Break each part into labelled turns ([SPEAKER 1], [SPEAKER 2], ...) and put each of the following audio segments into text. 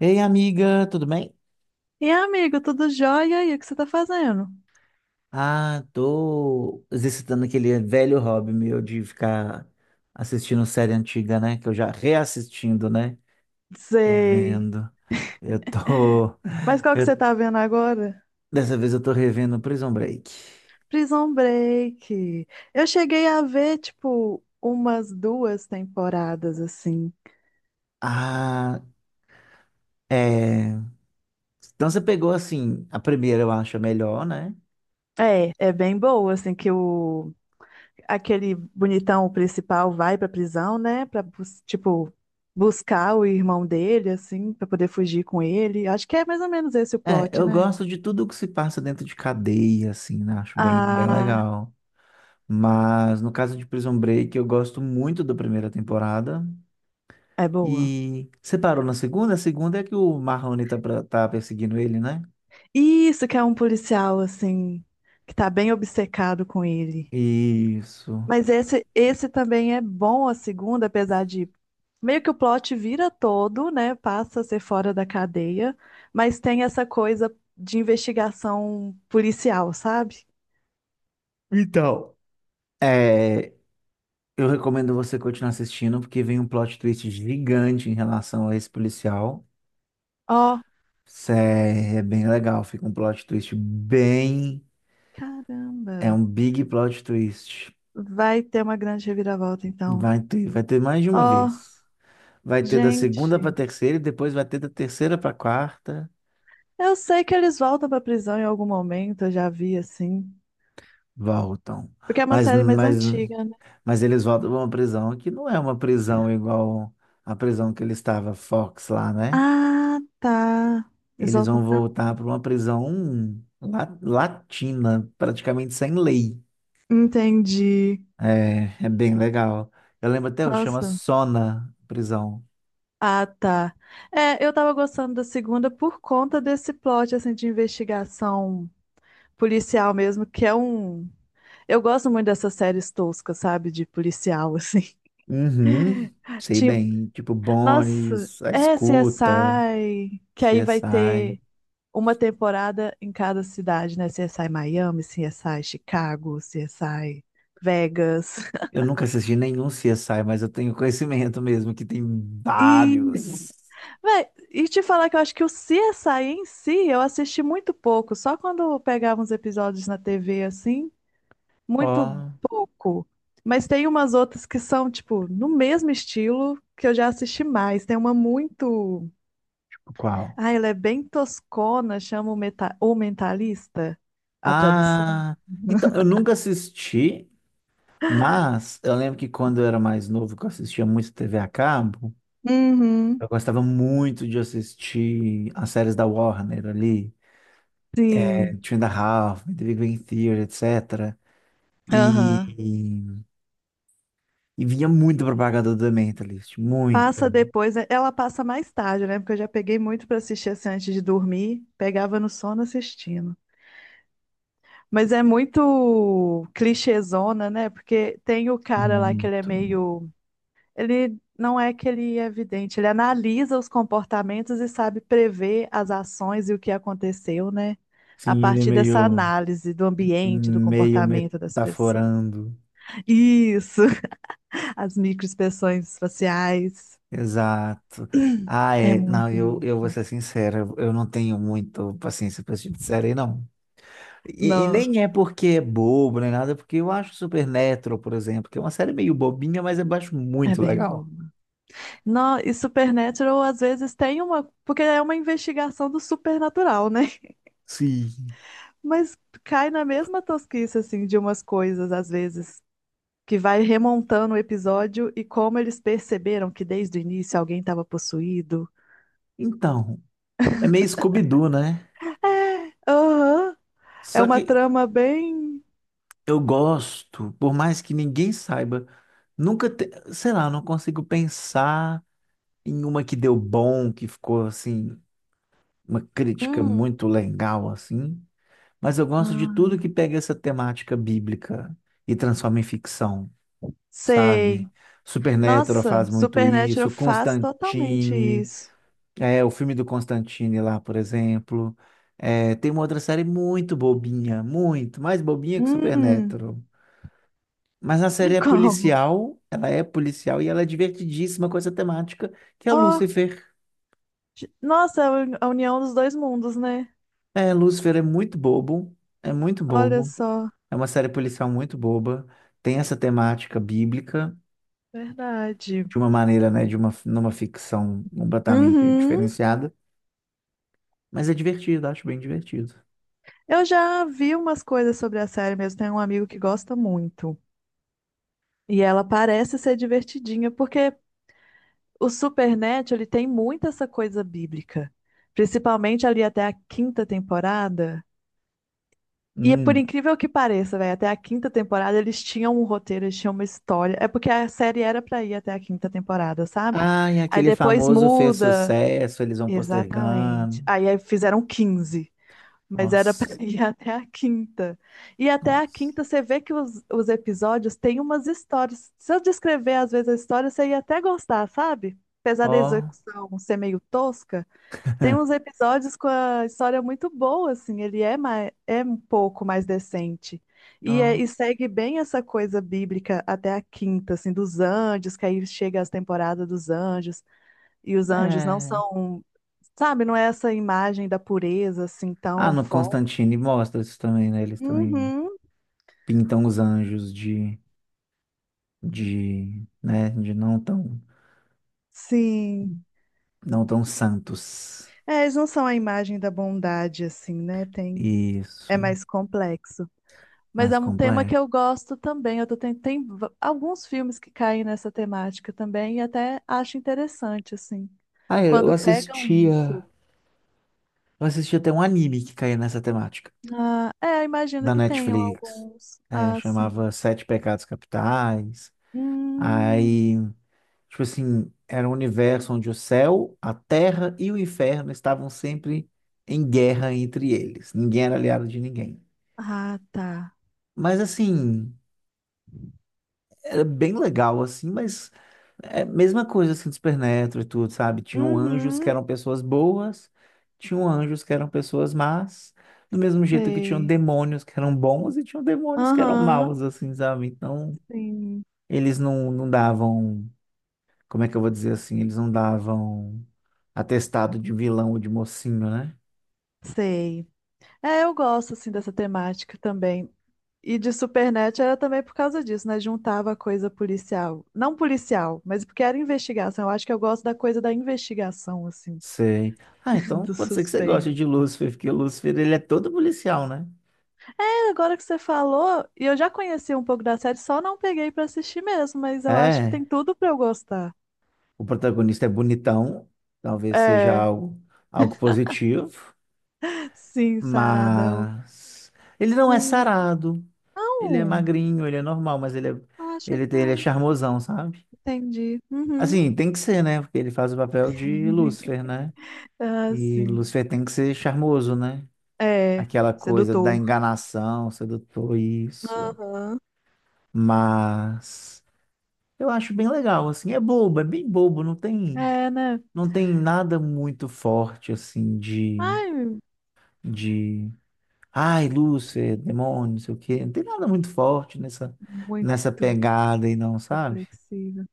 [SPEAKER 1] Ei, amiga, tudo bem?
[SPEAKER 2] E amigo, tudo jóia? E aí, o que você tá fazendo?
[SPEAKER 1] Tô exercitando aquele velho hobby meu de ficar assistindo série antiga, né? Que eu já reassistindo, né?
[SPEAKER 2] Sei.
[SPEAKER 1] Revendo. Eu tô.
[SPEAKER 2] Mas qual que você
[SPEAKER 1] eu-
[SPEAKER 2] tá vendo agora?
[SPEAKER 1] Dessa vez eu tô revendo Prison Break.
[SPEAKER 2] Prison Break. Eu cheguei a ver, tipo, umas duas temporadas, assim.
[SPEAKER 1] Ah, é. Então você pegou assim, a primeira eu acho a melhor, né?
[SPEAKER 2] É, é bem boa, assim, que o... Aquele bonitão principal vai pra prisão, né? Pra, tipo, buscar o irmão dele, assim, pra poder fugir com ele. Acho que é mais ou menos esse o
[SPEAKER 1] É,
[SPEAKER 2] plot,
[SPEAKER 1] eu
[SPEAKER 2] né?
[SPEAKER 1] gosto de tudo que se passa dentro de cadeia, assim, né? Acho bem
[SPEAKER 2] Ah,
[SPEAKER 1] legal. Mas no caso de Prison Break, eu gosto muito da primeira temporada.
[SPEAKER 2] é boa.
[SPEAKER 1] E você parou na segunda? A segunda é que o Marrone tá, tá perseguindo ele, né?
[SPEAKER 2] Isso que é um policial, assim, que tá bem obcecado com ele.
[SPEAKER 1] Isso.
[SPEAKER 2] Mas esse também é bom a segunda, apesar de meio que o plot vira todo, né? Passa a ser fora da cadeia, mas tem essa coisa de investigação policial, sabe?
[SPEAKER 1] Então, é, eu recomendo você continuar assistindo, porque vem um plot twist gigante em relação a esse policial.
[SPEAKER 2] Ó,
[SPEAKER 1] É bem legal, fica um plot twist bem. É
[SPEAKER 2] caramba,
[SPEAKER 1] um big plot twist.
[SPEAKER 2] vai ter uma grande reviravolta então.
[SPEAKER 1] Vai ter mais de uma
[SPEAKER 2] Ó,
[SPEAKER 1] vez. Vai ter da segunda pra
[SPEAKER 2] gente,
[SPEAKER 1] terceira e depois vai ter da terceira pra quarta.
[SPEAKER 2] eu sei que eles voltam pra prisão em algum momento, eu já vi assim.
[SPEAKER 1] Voltam.
[SPEAKER 2] Porque é uma
[SPEAKER 1] Mas,
[SPEAKER 2] série mais
[SPEAKER 1] mas
[SPEAKER 2] antiga.
[SPEAKER 1] Mas eles voltam pra uma prisão que não é uma prisão igual a prisão que ele estava, Fox, lá, né?
[SPEAKER 2] Ah, tá. Eles
[SPEAKER 1] Eles
[SPEAKER 2] voltam
[SPEAKER 1] vão
[SPEAKER 2] pra lá.
[SPEAKER 1] voltar para uma prisão latina, praticamente sem lei.
[SPEAKER 2] Entendi.
[SPEAKER 1] É, é bem legal. Eu lembro até, o chama
[SPEAKER 2] Nossa.
[SPEAKER 1] Sona prisão.
[SPEAKER 2] Ah, tá. É, eu tava gostando da segunda por conta desse plot, assim, de investigação policial mesmo, que é um... Eu gosto muito dessas séries toscas, sabe? De policial, assim.
[SPEAKER 1] Uhum, sei
[SPEAKER 2] Tipo,
[SPEAKER 1] bem. Tipo,
[SPEAKER 2] nossa,
[SPEAKER 1] Bones, A
[SPEAKER 2] é
[SPEAKER 1] Escuta,
[SPEAKER 2] CSI, que aí vai
[SPEAKER 1] CSI.
[SPEAKER 2] ter uma temporada em cada cidade, né? CSI Miami, CSI Chicago, CSI Vegas.
[SPEAKER 1] Eu nunca assisti nenhum CSI, mas eu tenho conhecimento mesmo que tem
[SPEAKER 2] E
[SPEAKER 1] vários.
[SPEAKER 2] Véi, e te falar que eu acho que o CSI em si eu assisti muito pouco, só quando eu pegava uns episódios na TV assim, muito
[SPEAKER 1] Ó,
[SPEAKER 2] pouco. Mas tem umas outras que são, tipo, no mesmo estilo que eu já assisti mais. Tem uma muito.
[SPEAKER 1] qual?
[SPEAKER 2] Ah, ela é bem toscona, chama o Mentalista, a tradução.
[SPEAKER 1] Ah, eu nunca assisti, mas eu lembro que quando eu era mais novo, que eu assistia muito TV a cabo,
[SPEAKER 2] Uhum.
[SPEAKER 1] eu gostava muito de assistir as séries da Warner ali,
[SPEAKER 2] Sim.
[SPEAKER 1] Two and a Half, The Big Bang Theory, etc.
[SPEAKER 2] Aham.
[SPEAKER 1] E, e vinha muita propaganda do The Mentalist,
[SPEAKER 2] Passa depois, né? Ela passa mais tarde, né? Porque eu já peguei muito pra assistir assim antes de dormir, pegava no sono assistindo. Mas é muito clichêzona, né? Porque tem o cara lá que ele é
[SPEAKER 1] muito.
[SPEAKER 2] meio. Ele não é que ele é vidente, ele analisa os comportamentos e sabe prever as ações e o que aconteceu, né? A
[SPEAKER 1] Sim,
[SPEAKER 2] partir dessa análise do ambiente, do
[SPEAKER 1] meio
[SPEAKER 2] comportamento das pessoas.
[SPEAKER 1] metaforando.
[SPEAKER 2] Isso! As microexpressões faciais.
[SPEAKER 1] Exato. Ah,
[SPEAKER 2] É
[SPEAKER 1] é. Não,
[SPEAKER 2] muito
[SPEAKER 1] eu vou
[SPEAKER 2] isso.
[SPEAKER 1] ser sincero, eu não tenho muito paciência para esse tipo de série, não. E
[SPEAKER 2] Não,
[SPEAKER 1] nem é porque é bobo, nem nada, é porque eu acho Supernatural, por exemplo, que é uma série meio bobinha, mas eu acho
[SPEAKER 2] é
[SPEAKER 1] muito
[SPEAKER 2] bem
[SPEAKER 1] legal.
[SPEAKER 2] bobo. Não, e Supernatural às vezes tem uma. Porque é uma investigação do supernatural, né?
[SPEAKER 1] Sim.
[SPEAKER 2] Mas cai na mesma tosquice, assim, de umas coisas, às vezes, que vai remontando o episódio e como eles perceberam que desde o início alguém estava possuído.
[SPEAKER 1] Então, é meio Scooby-Doo, né?
[SPEAKER 2] Aham, é
[SPEAKER 1] Só
[SPEAKER 2] uma
[SPEAKER 1] que
[SPEAKER 2] trama bem.
[SPEAKER 1] eu gosto, por mais que ninguém saiba, nunca, te... sei lá, eu não consigo pensar em uma que deu bom, que ficou assim, uma crítica
[SPEAKER 2] Hum.
[SPEAKER 1] muito legal, assim. Mas eu gosto de
[SPEAKER 2] Ah,
[SPEAKER 1] tudo que pega essa temática bíblica e transforma em ficção,
[SPEAKER 2] sei.
[SPEAKER 1] sabe? Supernatural
[SPEAKER 2] Nossa,
[SPEAKER 1] faz muito
[SPEAKER 2] Supernatural
[SPEAKER 1] isso,
[SPEAKER 2] faz totalmente
[SPEAKER 1] Constantine,
[SPEAKER 2] isso.
[SPEAKER 1] é, o filme do Constantine lá, por exemplo. É, tem uma outra série muito bobinha, mais bobinha que
[SPEAKER 2] Hum,
[SPEAKER 1] Supernatural. Mas a série é
[SPEAKER 2] como?
[SPEAKER 1] policial, ela é policial e ela é divertidíssima com essa temática, que é
[SPEAKER 2] Ó.
[SPEAKER 1] Lucifer.
[SPEAKER 2] Nossa, é a a união dos dois mundos, né?
[SPEAKER 1] É, Lúcifer é muito bobo, é muito
[SPEAKER 2] Olha
[SPEAKER 1] bobo.
[SPEAKER 2] só,
[SPEAKER 1] É uma série policial muito boba, tem essa temática bíblica.
[SPEAKER 2] verdade.
[SPEAKER 1] De uma maneira, numa ficção completamente
[SPEAKER 2] Uhum.
[SPEAKER 1] diferenciada, mas é divertido, acho bem divertido.
[SPEAKER 2] Eu já vi umas coisas sobre a série mesmo. Tem um amigo que gosta muito. E ela parece ser divertidinha, porque o Supernatural, ele tem muito essa coisa bíblica. Principalmente ali até a quinta temporada. E é por
[SPEAKER 1] Hum.
[SPEAKER 2] incrível que pareça, velho, até a quinta temporada eles tinham um roteiro, eles tinham uma história. É porque a série era pra ir até a quinta temporada, sabe?
[SPEAKER 1] Ai,
[SPEAKER 2] Aí
[SPEAKER 1] aquele
[SPEAKER 2] depois
[SPEAKER 1] famoso fez
[SPEAKER 2] muda.
[SPEAKER 1] sucesso, eles vão postergando.
[SPEAKER 2] Exatamente. Aí fizeram quinze, mas era para
[SPEAKER 1] Nossa,
[SPEAKER 2] ir até a quinta. E até a
[SPEAKER 1] nossa.
[SPEAKER 2] quinta você vê que os episódios têm umas histórias. Se eu descrever às vezes a história, você ia até gostar, sabe? Apesar da
[SPEAKER 1] Ó,
[SPEAKER 2] execução ser meio tosca, tem uns episódios com a história muito boa, assim, ele é, mais, é um pouco mais decente. E,
[SPEAKER 1] ó,
[SPEAKER 2] e segue bem essa coisa bíblica até a quinta, assim, dos anjos, que aí chega as temporadas dos anjos e os anjos não
[SPEAKER 1] é.
[SPEAKER 2] são. Sabe, não é essa imagem da pureza assim
[SPEAKER 1] Ah,
[SPEAKER 2] tão
[SPEAKER 1] no
[SPEAKER 2] forte.
[SPEAKER 1] Constantine mostra isso também, né? Eles também
[SPEAKER 2] Uhum,
[SPEAKER 1] pintam os anjos de não tão,
[SPEAKER 2] sim.
[SPEAKER 1] não tão santos.
[SPEAKER 2] É, eles não são a imagem da bondade assim, né? Tem, é
[SPEAKER 1] Isso,
[SPEAKER 2] mais complexo. Mas
[SPEAKER 1] mais
[SPEAKER 2] é um tema
[SPEAKER 1] completo.
[SPEAKER 2] que eu gosto também. Eu tô alguns filmes que caem nessa temática também e até acho interessante assim,
[SPEAKER 1] Ah, eu
[SPEAKER 2] quando pegam
[SPEAKER 1] assistia.
[SPEAKER 2] isso.
[SPEAKER 1] Eu assisti até um anime que caía nessa temática,
[SPEAKER 2] Ah, é, imagino
[SPEAKER 1] da
[SPEAKER 2] que tenham
[SPEAKER 1] Netflix.
[SPEAKER 2] alguns.
[SPEAKER 1] É,
[SPEAKER 2] Ah, sim.
[SPEAKER 1] chamava Sete Pecados Capitais.
[SPEAKER 2] Hum,
[SPEAKER 1] Aí, tipo assim, era um universo onde o céu, a terra e o inferno estavam sempre em guerra entre eles. Ninguém era aliado de ninguém.
[SPEAKER 2] ah, tá.
[SPEAKER 1] Mas assim. Era bem legal, assim, mas é a mesma coisa assim do Supernatural e tudo, sabe? Tinham anjos que
[SPEAKER 2] Uhum,
[SPEAKER 1] eram pessoas boas, tinham anjos que eram pessoas más, do mesmo jeito que tinham
[SPEAKER 2] sei.
[SPEAKER 1] demônios que eram bons e tinham demônios que eram
[SPEAKER 2] Aham,
[SPEAKER 1] maus, assim, sabe? Então,
[SPEAKER 2] sim.
[SPEAKER 1] eles não, não davam, como é que eu vou dizer assim? Eles não davam atestado de vilão ou de mocinho, né?
[SPEAKER 2] Sei. É, eu gosto assim dessa temática também. E de Supernet era também por causa disso, né? Juntava a coisa policial. Não policial, mas porque era investigação. Eu acho que eu gosto da coisa da investigação, assim,
[SPEAKER 1] Sei. Ah, então
[SPEAKER 2] do
[SPEAKER 1] pode ser que você goste de
[SPEAKER 2] suspense.
[SPEAKER 1] Lúcifer, porque o Lúcifer, ele é todo policial, né?
[SPEAKER 2] É, agora que você falou, e eu já conheci um pouco da série, só não peguei pra assistir mesmo, mas eu acho que
[SPEAKER 1] É.
[SPEAKER 2] tem tudo pra eu gostar.
[SPEAKER 1] O protagonista é bonitão, talvez seja
[SPEAKER 2] É,
[SPEAKER 1] algo, algo positivo,
[SPEAKER 2] sim, Saradão.
[SPEAKER 1] mas ele não é
[SPEAKER 2] Hum.
[SPEAKER 1] sarado, ele é
[SPEAKER 2] Não,
[SPEAKER 1] magrinho, ele é normal,
[SPEAKER 2] acha que
[SPEAKER 1] ele é
[SPEAKER 2] é.
[SPEAKER 1] charmosão, sabe?
[SPEAKER 2] Entendi. Uhum.
[SPEAKER 1] Assim, tem que ser, né? Porque ele faz o papel de Lúcifer, né?
[SPEAKER 2] Ah,
[SPEAKER 1] E
[SPEAKER 2] sim.
[SPEAKER 1] Lúcifer tem que ser charmoso, né?
[SPEAKER 2] É,
[SPEAKER 1] Aquela coisa da
[SPEAKER 2] sedutor.
[SPEAKER 1] enganação, sedutor, isso.
[SPEAKER 2] Aham.
[SPEAKER 1] Mas eu acho bem legal, assim, é bobo, é bem bobo,
[SPEAKER 2] É, né?
[SPEAKER 1] não tem nada muito forte, assim,
[SPEAKER 2] Ai,
[SPEAKER 1] de ai, Lúcifer, demônio, não sei o quê. Não tem nada muito forte nessa, nessa
[SPEAKER 2] muito
[SPEAKER 1] pegada aí, não, sabe?
[SPEAKER 2] reflexiva.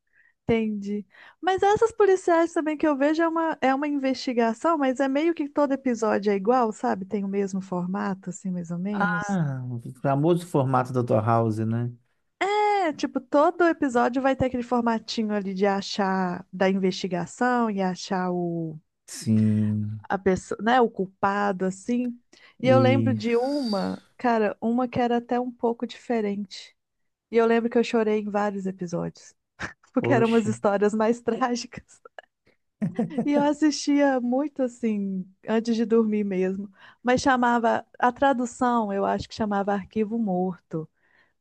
[SPEAKER 2] Entendi. Mas essas policiais também que eu vejo é é uma investigação, mas é meio que todo episódio é igual, sabe? Tem o mesmo formato, assim, mais ou menos.
[SPEAKER 1] Ah, o famoso formato da tua House, né?
[SPEAKER 2] É, tipo, todo episódio vai ter aquele formatinho ali de achar da investigação e achar o,
[SPEAKER 1] Sim.
[SPEAKER 2] a pessoa, né, o culpado, assim. E eu lembro de
[SPEAKER 1] Isso.
[SPEAKER 2] uma, cara, uma que era até um pouco diferente. E eu lembro que eu chorei em vários episódios, porque eram umas
[SPEAKER 1] Oxe.
[SPEAKER 2] histórias mais trágicas. E eu assistia muito assim, antes de dormir mesmo. Mas chamava, a tradução eu acho que chamava Arquivo Morto,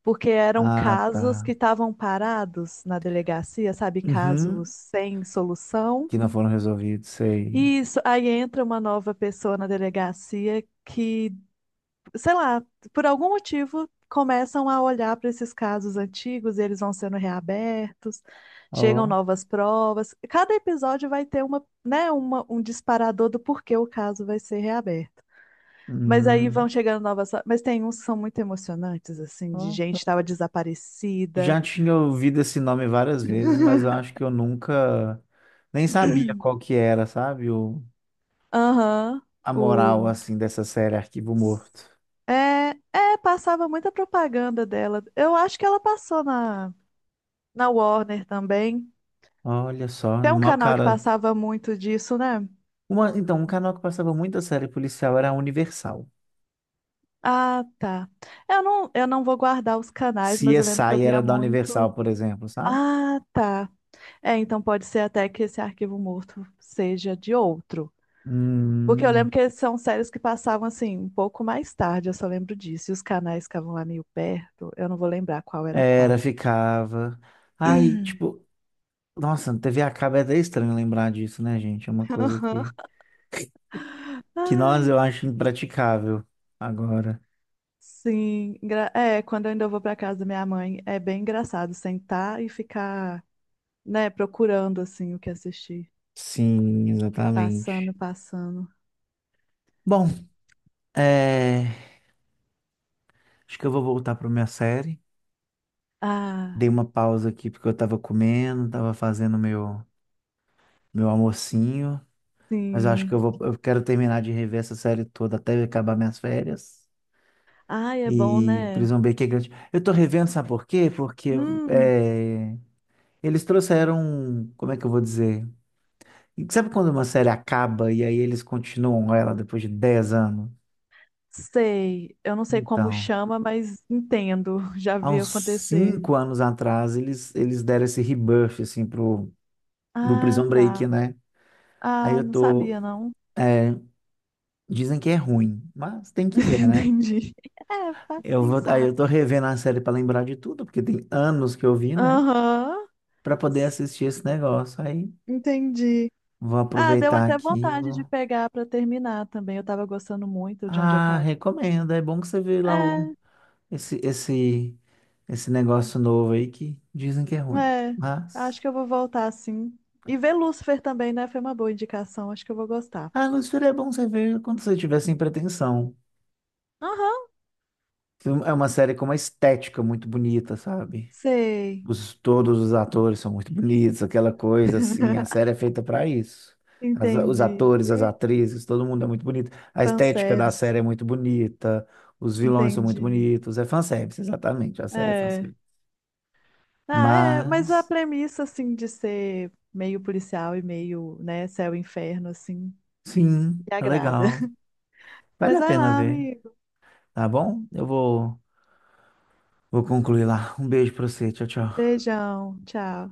[SPEAKER 2] porque eram
[SPEAKER 1] Ah,
[SPEAKER 2] casos
[SPEAKER 1] tá.
[SPEAKER 2] que estavam parados na delegacia, sabe? Casos
[SPEAKER 1] Uhum.
[SPEAKER 2] sem solução.
[SPEAKER 1] Que não foram resolvidos, sei.
[SPEAKER 2] E isso, aí entra uma nova pessoa na delegacia que sei lá, por algum motivo, começam a olhar para esses casos antigos, e eles vão sendo reabertos, chegam
[SPEAKER 1] Ó.
[SPEAKER 2] novas provas. Cada episódio vai ter um disparador do porquê o caso vai ser reaberto. Mas aí vão
[SPEAKER 1] Hum.
[SPEAKER 2] chegando novas. Mas tem uns que são muito emocionantes, assim, de
[SPEAKER 1] Ó.
[SPEAKER 2] gente que estava desaparecida.
[SPEAKER 1] Já tinha ouvido esse nome várias vezes, mas eu acho que eu nunca nem sabia qual que era, sabe?
[SPEAKER 2] Aham.
[SPEAKER 1] A moral,
[SPEAKER 2] O...
[SPEAKER 1] assim, dessa série Arquivo Morto.
[SPEAKER 2] É, é, passava muita propaganda dela. Eu acho que ela passou na, na Warner também.
[SPEAKER 1] Olha só,
[SPEAKER 2] Tem um
[SPEAKER 1] uma
[SPEAKER 2] canal que
[SPEAKER 1] cara.
[SPEAKER 2] passava muito disso, né?
[SPEAKER 1] Um canal que passava muita série policial era a Universal.
[SPEAKER 2] Ah, tá. Eu não vou guardar os canais, mas eu lembro que eu
[SPEAKER 1] CSI
[SPEAKER 2] via
[SPEAKER 1] era da
[SPEAKER 2] muito.
[SPEAKER 1] Universal, por exemplo, sabe?
[SPEAKER 2] Ah, tá. É, então pode ser até que esse arquivo morto seja de outro. Porque eu lembro
[SPEAKER 1] Hum,
[SPEAKER 2] que são séries que passavam assim, um pouco mais tarde, eu só lembro disso. E os canais ficavam lá meio perto, eu não vou lembrar qual era
[SPEAKER 1] era,
[SPEAKER 2] qual.
[SPEAKER 1] ficava. Aí, tipo, nossa, TV a cabo é até estranho lembrar disso, né, gente?
[SPEAKER 2] Aham.
[SPEAKER 1] Que nós
[SPEAKER 2] Ai,
[SPEAKER 1] eu acho impraticável agora.
[SPEAKER 2] sim. É, quando eu ainda vou pra casa da minha mãe, é bem engraçado sentar e ficar, né, procurando assim o que assistir.
[SPEAKER 1] Sim, exatamente.
[SPEAKER 2] Passando, passando.
[SPEAKER 1] Bom, é, acho que eu vou voltar para minha série.
[SPEAKER 2] Ah,
[SPEAKER 1] Dei uma pausa aqui porque eu tava comendo, tava fazendo meu almocinho. Mas eu acho que eu
[SPEAKER 2] sim.
[SPEAKER 1] vou, eu quero terminar de rever essa série toda até acabar minhas férias.
[SPEAKER 2] Ai, é bom,
[SPEAKER 1] E
[SPEAKER 2] né?
[SPEAKER 1] Prison Break é grande. Eu tô revendo, sabe por quê? Porque
[SPEAKER 2] Hum,
[SPEAKER 1] é, eles trouxeram, um, como é que eu vou dizer? E sabe quando uma série acaba e aí eles continuam ela depois de 10 anos?
[SPEAKER 2] sei. Eu não sei como
[SPEAKER 1] Então,
[SPEAKER 2] chama, mas entendo. Já
[SPEAKER 1] há
[SPEAKER 2] vi
[SPEAKER 1] uns
[SPEAKER 2] acontecer.
[SPEAKER 1] 5 anos atrás, eles deram esse rebuff, assim, pro, pro
[SPEAKER 2] Ah,
[SPEAKER 1] Prison
[SPEAKER 2] tá.
[SPEAKER 1] Break, né? Aí
[SPEAKER 2] Ah,
[SPEAKER 1] eu
[SPEAKER 2] não
[SPEAKER 1] tô
[SPEAKER 2] sabia, não.
[SPEAKER 1] é, dizem que é ruim, mas tem que ver, né?
[SPEAKER 2] Entendi. É, faz
[SPEAKER 1] Eu vou, aí
[SPEAKER 2] pensar.
[SPEAKER 1] eu tô revendo a série pra lembrar de tudo, porque tem anos que eu vi, né?
[SPEAKER 2] Aham,
[SPEAKER 1] Pra poder assistir esse negócio. Aí
[SPEAKER 2] entendi.
[SPEAKER 1] vou
[SPEAKER 2] Ah, deu
[SPEAKER 1] aproveitar
[SPEAKER 2] até
[SPEAKER 1] aqui. E
[SPEAKER 2] vontade
[SPEAKER 1] vou...
[SPEAKER 2] de pegar pra terminar também. Eu tava gostando muito de onde eu
[SPEAKER 1] Ah,
[SPEAKER 2] parei.
[SPEAKER 1] recomendo. É bom que você vê lá
[SPEAKER 2] É,
[SPEAKER 1] esse, esse, esse negócio novo aí que dizem que é ruim.
[SPEAKER 2] É,
[SPEAKER 1] Mas.
[SPEAKER 2] acho que eu vou voltar sim. E ver Lúcifer também, né? Foi uma boa indicação, acho que eu vou gostar.
[SPEAKER 1] Ah, Lucifer, é bom você ver quando você tiver sem pretensão.
[SPEAKER 2] Aham.
[SPEAKER 1] É uma série com uma estética muito bonita, sabe?
[SPEAKER 2] Sei,
[SPEAKER 1] Todos os atores são muito bonitos, aquela coisa assim. A série é feita para isso. Os
[SPEAKER 2] entendi.
[SPEAKER 1] atores, as
[SPEAKER 2] Ver
[SPEAKER 1] atrizes, todo mundo é muito bonito. A estética da
[SPEAKER 2] Fanservice,
[SPEAKER 1] série é muito bonita. Os vilões são muito
[SPEAKER 2] entendi.
[SPEAKER 1] bonitos. É fanservice, exatamente. A série é
[SPEAKER 2] É.
[SPEAKER 1] fanservice.
[SPEAKER 2] Ah, é, mas a
[SPEAKER 1] Mas,
[SPEAKER 2] premissa, assim, de ser meio policial e meio, né, céu e inferno, assim,
[SPEAKER 1] sim,
[SPEAKER 2] me
[SPEAKER 1] é
[SPEAKER 2] agrada.
[SPEAKER 1] legal. Vale
[SPEAKER 2] Mas
[SPEAKER 1] a
[SPEAKER 2] vai
[SPEAKER 1] pena
[SPEAKER 2] lá,
[SPEAKER 1] ver,
[SPEAKER 2] amigo.
[SPEAKER 1] tá bom? Vou concluir lá. Um beijo pra você. Tchau, tchau.
[SPEAKER 2] Beijão, tchau.